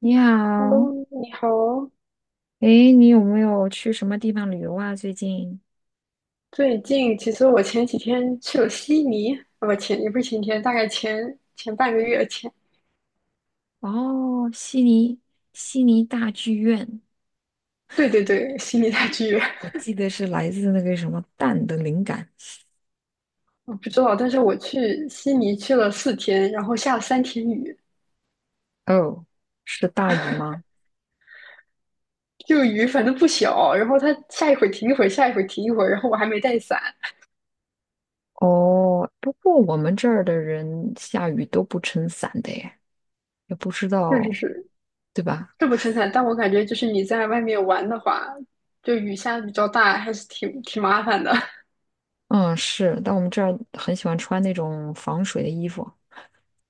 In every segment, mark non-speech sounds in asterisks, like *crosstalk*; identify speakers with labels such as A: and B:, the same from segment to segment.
A: 你好，
B: Hello，你好哦。
A: 诶，你有没有去什么地方旅游啊？最近？
B: 最近其实我前几天去了悉尼，啊不前也不是前天，大概前半个月前。
A: 哦，悉尼，悉尼大剧院，
B: 对对对，悉尼大剧院，
A: 我记得是来自那个什么蛋的灵感。
B: 我不知道，但是我去悉尼去了4天，然后下了3天雨，
A: 哦，是大雨吗？
B: 这个雨反正不小，然后它下一会儿停一会儿，下一会儿停一会儿，然后我还没带伞，
A: 哦，不过我们这儿的人下雨都不撑伞的耶，也不知
B: 确实
A: 道，
B: 是
A: 对吧？
B: 这不撑伞，但我感觉就是你在外面玩的话，就雨下的比较大，还是挺麻烦的。*laughs*
A: 嗯，是，但我们这儿很喜欢穿那种防水的衣服。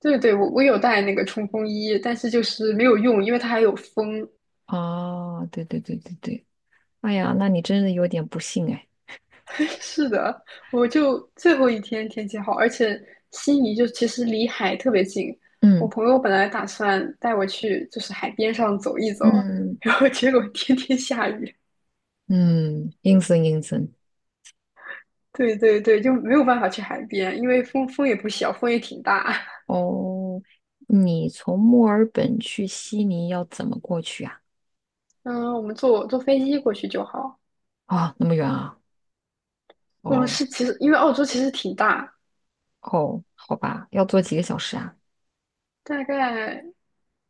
B: 对对，我有带那个冲锋衣，但是就是没有用，因为它还有风。
A: 哦，对对对对对，哎呀，那你真的有点不幸哎。
B: *laughs* 是的，我就最后一天天气好，而且悉尼就其实离海特别近。我
A: 嗯
B: 朋友本来打算带我去就是海边上走一走，
A: 嗯，
B: 然后结果天天下雨。
A: 嗯，阴森阴森。
B: 对对对，就没有办法去海边，因为风也不小，风也挺大。
A: 哦，你从墨尔本去悉尼要怎么过去啊？
B: 嗯，我们坐飞机过去就好。
A: 啊，那么远啊？
B: 嗯，
A: 哦
B: 是其实因为澳洲其实挺大，
A: 哦，好吧，要坐几个小时啊？
B: 大概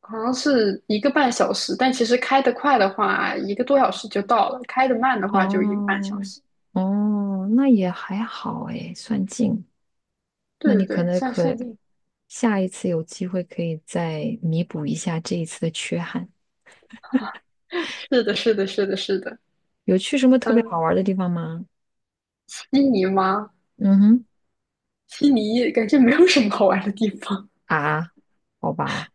B: 好像是一个半小时，但其实开得快的话，1个多小时就到了；开得慢的话，就一个半小
A: 哦
B: 时。
A: 哦，那也还好诶，算近。那
B: 对对
A: 你可
B: 对，
A: 能
B: 像
A: 可
B: 限定，
A: 下一次有机会可以再弥补一下这一次的缺憾。
B: 是的，是的，是的，是的。
A: 有去什么特别
B: 嗯，
A: 好玩的地方吗？
B: 悉尼吗？
A: 嗯哼，
B: 悉尼感觉没有什么好玩的地方。
A: 啊，好吧，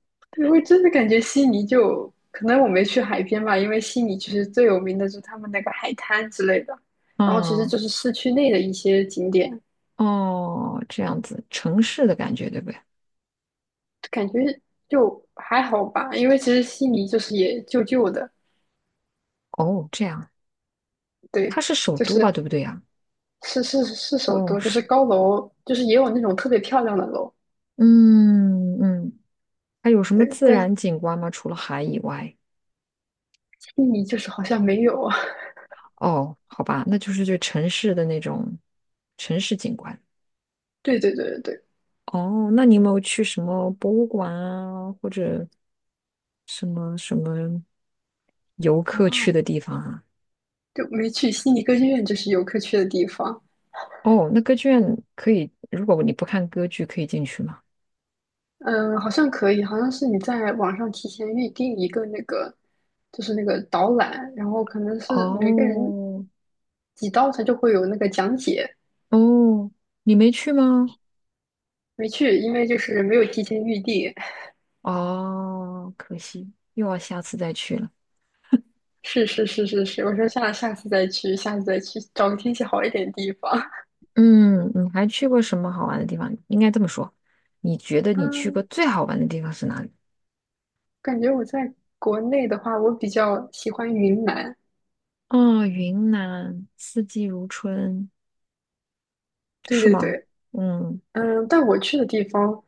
B: *laughs* 对，我真的感觉悉尼就可能我没去海边吧，因为悉尼其实最有名的就是他们那个海滩之类的，然后其实
A: 嗯
B: 就是市区内的一些景点，
A: 哦，这样子，城市的感觉对不对？
B: 感觉就还好吧。因为其实悉尼就是也旧旧的，
A: 哦，这样，它
B: 对，
A: 是首
B: 就
A: 都吧，对
B: 是
A: 不对呀？
B: 是是是首
A: 哦，
B: 都，就
A: 是，
B: 是高楼，就是也有那种特别漂亮的楼，
A: 嗯嗯，它有什么
B: 对，
A: 自
B: 但
A: 然景观吗？除了海以外？
B: 悉尼就是好像没有。*laughs* 啊。
A: 哦，好吧，那就是这城市的那种城市景观。
B: 对对对对对。
A: 哦，那你有没有去什么博物馆啊，或者什么游客去
B: 啊，
A: 的地方啊？
B: 就没去悉尼歌剧院，就是游客去的地方。
A: 哦，那歌剧院可以，如果你不看歌剧，可以进去吗？
B: 嗯，好像可以，好像是你在网上提前预定一个那个，就是那个导览，然后可能是每个人
A: 哦
B: 几刀他就会有那个讲解。
A: 哦，你没去吗？
B: 没去，因为就是没有提前预定。
A: 哦，可惜，又要下次再去了。
B: *laughs* 是是是是是，我说下次再去，下次再去找个天气好一点的地方。
A: 嗯，你还去过什么好玩的地方？应该这么说，你觉得你去过
B: 嗯，
A: 最好玩的地方是哪里？
B: 感觉我在国内的话，我比较喜欢云南。
A: 哦，云南，四季如春，
B: 对
A: 是
B: 对
A: 吗？
B: 对，
A: 嗯
B: 嗯，但我去的地方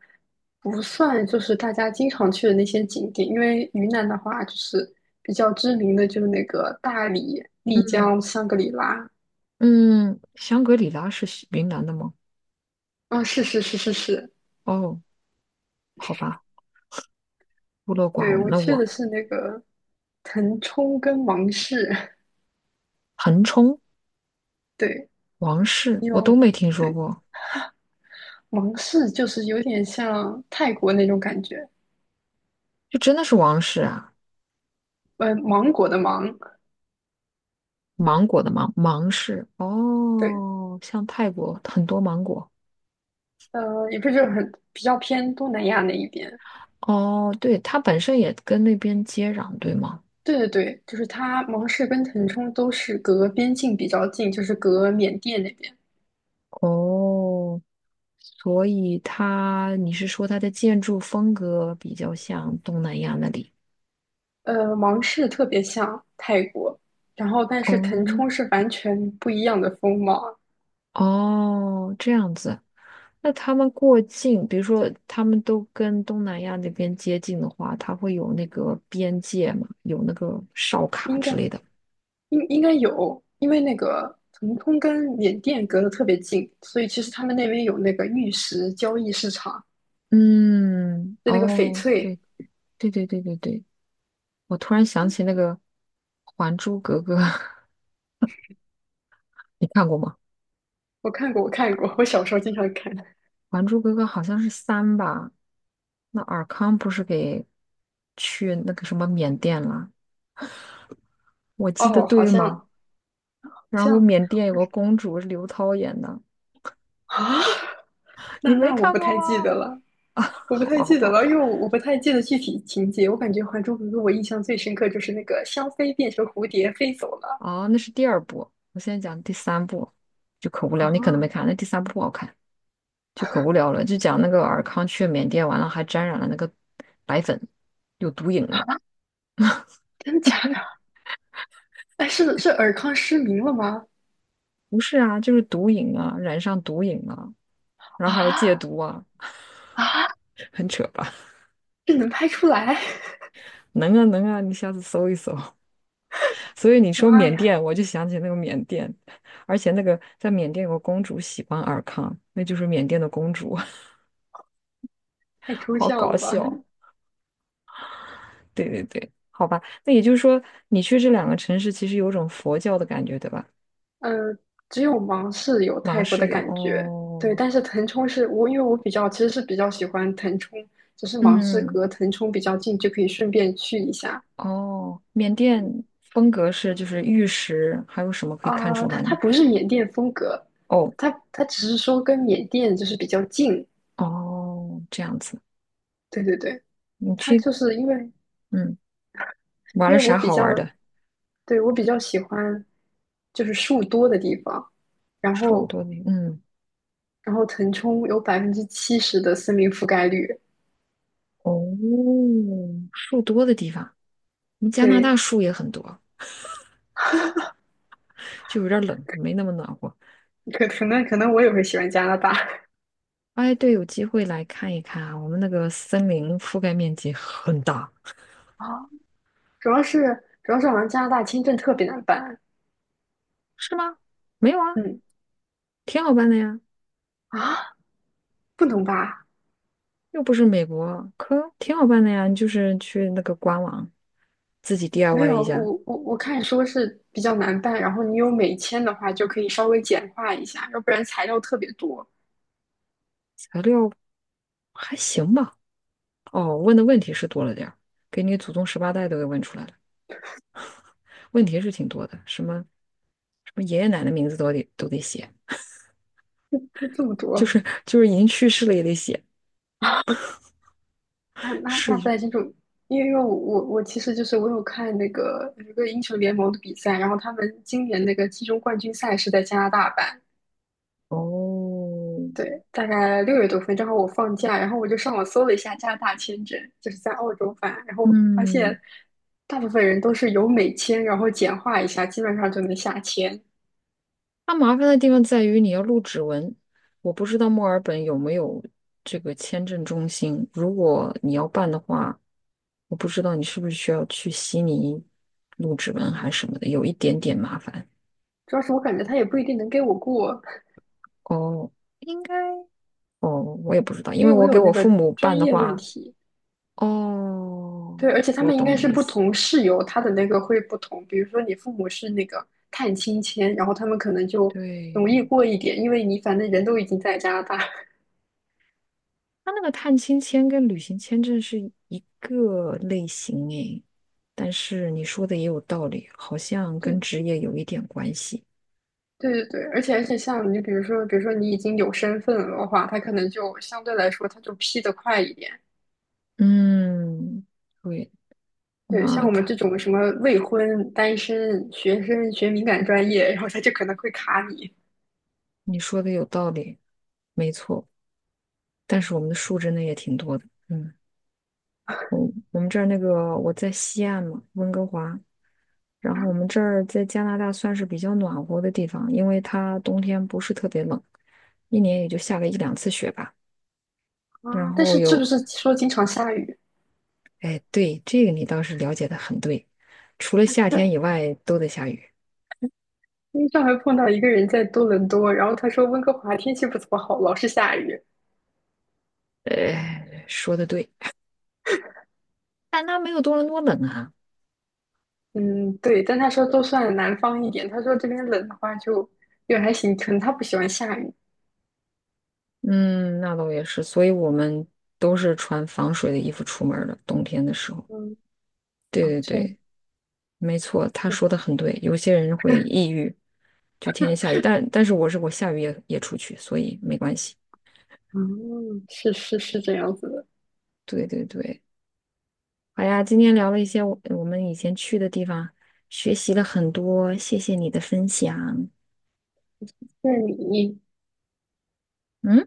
B: 不算就是大家经常去的那些景点，因为云南的话，就是比较知名的就是那个大理、丽
A: 嗯，
B: 江、香格里拉。
A: 嗯，香格里拉是西云南的吗？
B: 啊、是是是是是，
A: 哦，好吧，孤陋寡
B: 对，
A: 闻
B: 我
A: 了
B: 去
A: 我。
B: 的是那个腾冲跟芒市，
A: 腾冲、
B: *laughs* 对，
A: 王氏，
B: 你
A: 我都
B: 有，
A: 没听说
B: 对，
A: 过，
B: 芒市就是有点像泰国那种感觉，
A: 就真的是王氏啊？
B: 芒果的芒，
A: 芒果的芒，芒市。
B: 对，
A: 哦，像泰国很多芒果。
B: 也不是很比较偏东南亚那一边，
A: 哦，对，它本身也跟那边接壤，对吗？
B: 对对对，就是它，芒市跟腾冲都是隔边境比较近，就是隔缅甸那边。
A: 哦，所以它，你是说它的建筑风格比较像东南亚那里？
B: 芒市特别像泰国，然后但是腾
A: 哦，
B: 冲是完全不一样的风貌，
A: 哦，这样子。那他们过境，比如说他们都跟东南亚那边接近的话，它会有那个边界嘛，有那个哨卡
B: 应
A: 之
B: 该
A: 类的。
B: 应该有，因为那个腾冲跟缅甸隔得特别近，所以其实他们那边有那个玉石交易市场，
A: 嗯，
B: 就那个翡
A: 哦，对，
B: 翠，
A: 对对对对对，我突然想起那个《还珠格格》，*laughs* 你看过吗？
B: 我看过，我看过，我小时候经常看。
A: 《还珠格格》好像是三吧？那尔康不是给去那个什么缅甸了？我记得
B: 哦，好
A: 对
B: 像
A: 吗？
B: 好
A: 然后
B: 像
A: 缅甸有个公主是刘涛演的，
B: 啊，*laughs* 那
A: 你没
B: 那我
A: 看
B: 不
A: 过
B: 太记
A: 吗？
B: 得了。
A: *laughs* 啊，
B: 我不
A: 好
B: 太
A: 吧，好
B: 记得
A: 吧，好
B: 了，因为
A: 吧。
B: 我不太记得具体情节。我感觉《还珠格格》，我印象最深刻就是那个香妃变成蝴蝶飞走了。
A: 啊，那是第二部，我现在讲第三部，就可无聊。你可能
B: 啊，
A: 没看，那第三部不好看，就可无聊了。就讲那个尔康去缅甸完了，还沾染了那个白粉，有毒瘾了。
B: 真的假的？哎，是尔康失明了吗？
A: 不是啊，就是毒瘾啊，染上毒瘾了，然后还有
B: 啊
A: 戒毒啊，
B: 啊，
A: 很扯吧。
B: 这能拍出来？*laughs*
A: 能啊能啊，你下次搜一搜。*laughs* 所以你说
B: 妈
A: 缅
B: 呀，
A: 甸，我就想起那个缅甸，而且那个在缅甸有个公主喜欢尔康，那就是缅甸的公主，*laughs*
B: 太抽
A: 好
B: 象
A: 搞
B: 了吧？
A: 笑。对对对，好吧，那也就是说，你去这两个城市，其实有种佛教的感觉，对吧？
B: 嗯，只有芒市有
A: 芒
B: 泰国的
A: 市有
B: 感觉。对，
A: 哦，
B: 但是腾冲是我，因为我比较其实是比较喜欢腾冲，只是芒市
A: 嗯
B: 隔腾冲比较近，就可以顺便去一下。
A: 哦，缅甸风格是就是玉石，还有什么可以看
B: 啊，
A: 出
B: 它
A: 来
B: 它
A: 呢？
B: 不是缅甸风格，
A: 哦
B: 它只是说跟缅甸就是比较近。
A: 哦，这样子，
B: 对对对，
A: 你
B: 它
A: 去
B: 就是因为
A: 嗯玩
B: 因
A: 了
B: 为我
A: 啥
B: 比
A: 好
B: 较
A: 玩的？
B: 对我比较喜欢就是树多的地方，然
A: 树
B: 后
A: 多的，嗯。
B: 然后腾冲有70%的森林覆盖率。
A: 哦，树多的地方，我们加拿大
B: 对，
A: 树也很多，就有点儿冷，没那么暖和。
B: 可能我也会喜欢加拿大 *laughs*
A: 哎，对，有机会来看一看啊，我们那个森林覆盖面积很大，
B: 啊，主要是主要是好像加拿大签证特别难办。
A: 是吗？没有啊，
B: 嗯
A: 挺好办的呀，
B: 啊，不能吧？
A: 又不是美国，可挺好办的呀，你就是去那个官网自己
B: 没
A: DIY
B: 有，
A: 一下，
B: 我看说是比较难办，然后你有美签的话就可以稍微简化一下，要不然材料特别多，
A: 材料还行吧。哦，问的问题是多了点儿，给你祖宗十八代都给问出来了，问题是挺多的，什么什么爷爷奶奶名字都得写。
B: 就这么多，
A: 就是已经去世了也得写，
B: 那那
A: 是
B: 那不
A: 一，
B: 太清楚。因为我其实就是我有看那个有一个英雄联盟的比赛，然后他们今年那个季中冠军赛是在加拿大办，
A: 哦，
B: 对，大概6月多份，正好我放假，然后我就上网搜了一下加拿大签证，就是在澳洲办，然后发
A: 嗯，
B: 现大部分人都是有美签，然后简化一下，基本上就能下签。
A: 它麻烦的地方在于你要录指纹，我不知道墨尔本有没有这个签证中心，如果你要办的话，我不知道你是不是需要去悉尼录指纹还是什么的，有一点点麻烦。
B: 主要是我感觉他也不一定能给我过，
A: 哦，应该哦，我也不知道，因
B: 因
A: 为
B: 为我
A: 我
B: 有
A: 给我
B: 那
A: 父
B: 个
A: 母办
B: 专
A: 的
B: 业问
A: 话，
B: 题。
A: 哦，
B: 对，而且他
A: 我
B: 们应
A: 懂
B: 该
A: 你
B: 是
A: 意
B: 不
A: 思，
B: 同室友，他的那个会不同。比如说你父母是那个探亲签，然后他们可能就容易
A: 对。
B: 过一点，因为你反正人都已经在加拿大。
A: 他那个探亲签跟旅行签证是一个类型诶，但是你说的也有道理，好像跟职
B: 对
A: 业有一点关系。
B: 对对对，而且像你比如说，你已经有身份了的话，他可能就相对来说他就批得快一点。
A: 嗯，对，
B: 对，像
A: 那
B: 我们
A: 看
B: 这种什么未婚、单身学生学敏感专业，然后他就可能会卡你
A: 你说的有道理，没错。但是我们的树真的也挺多的。嗯，我我们这儿那个我在西岸嘛，温哥华，然后我们这儿在加拿大算是比较暖和的地方，因为它冬天不是特别冷，一年也就下个一两次雪吧。然
B: 啊。但
A: 后
B: 是是不
A: 有
B: 是说经常下雨？
A: 哎，对，这个你倒是了解的很对，除了夏天以外都得下雨。
B: 因为上回碰到一个人在多伦多，然后他说温哥华天气不怎么好，老是下雨。
A: 哎，说的对，但它没有多伦多冷啊。
B: 嗯，对，但他说都算南方一点，他说这边冷的话就也还行，可能他不喜欢下雨。
A: 嗯，那倒也是，所以我们都是穿防水的衣服出门儿的，冬天的时候。
B: 嗯，啊
A: 对对
B: 这样，
A: 对，没错，他
B: 对，
A: 说的很对。有些人会抑郁，就天天下雨，但是我下雨也出去，所以没关系。
B: 嗯，是是是这样子的。
A: 对对对，好呀，今天聊了一些我们以前去的地方，学习了很多，谢谢你的分享。
B: 那你，
A: 嗯。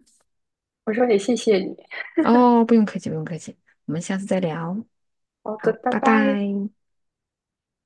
B: 我说也谢谢你。
A: 哦，不用客气，不用客气，我们下次再聊。
B: 好的，
A: 好，
B: 拜
A: 拜拜。
B: 拜。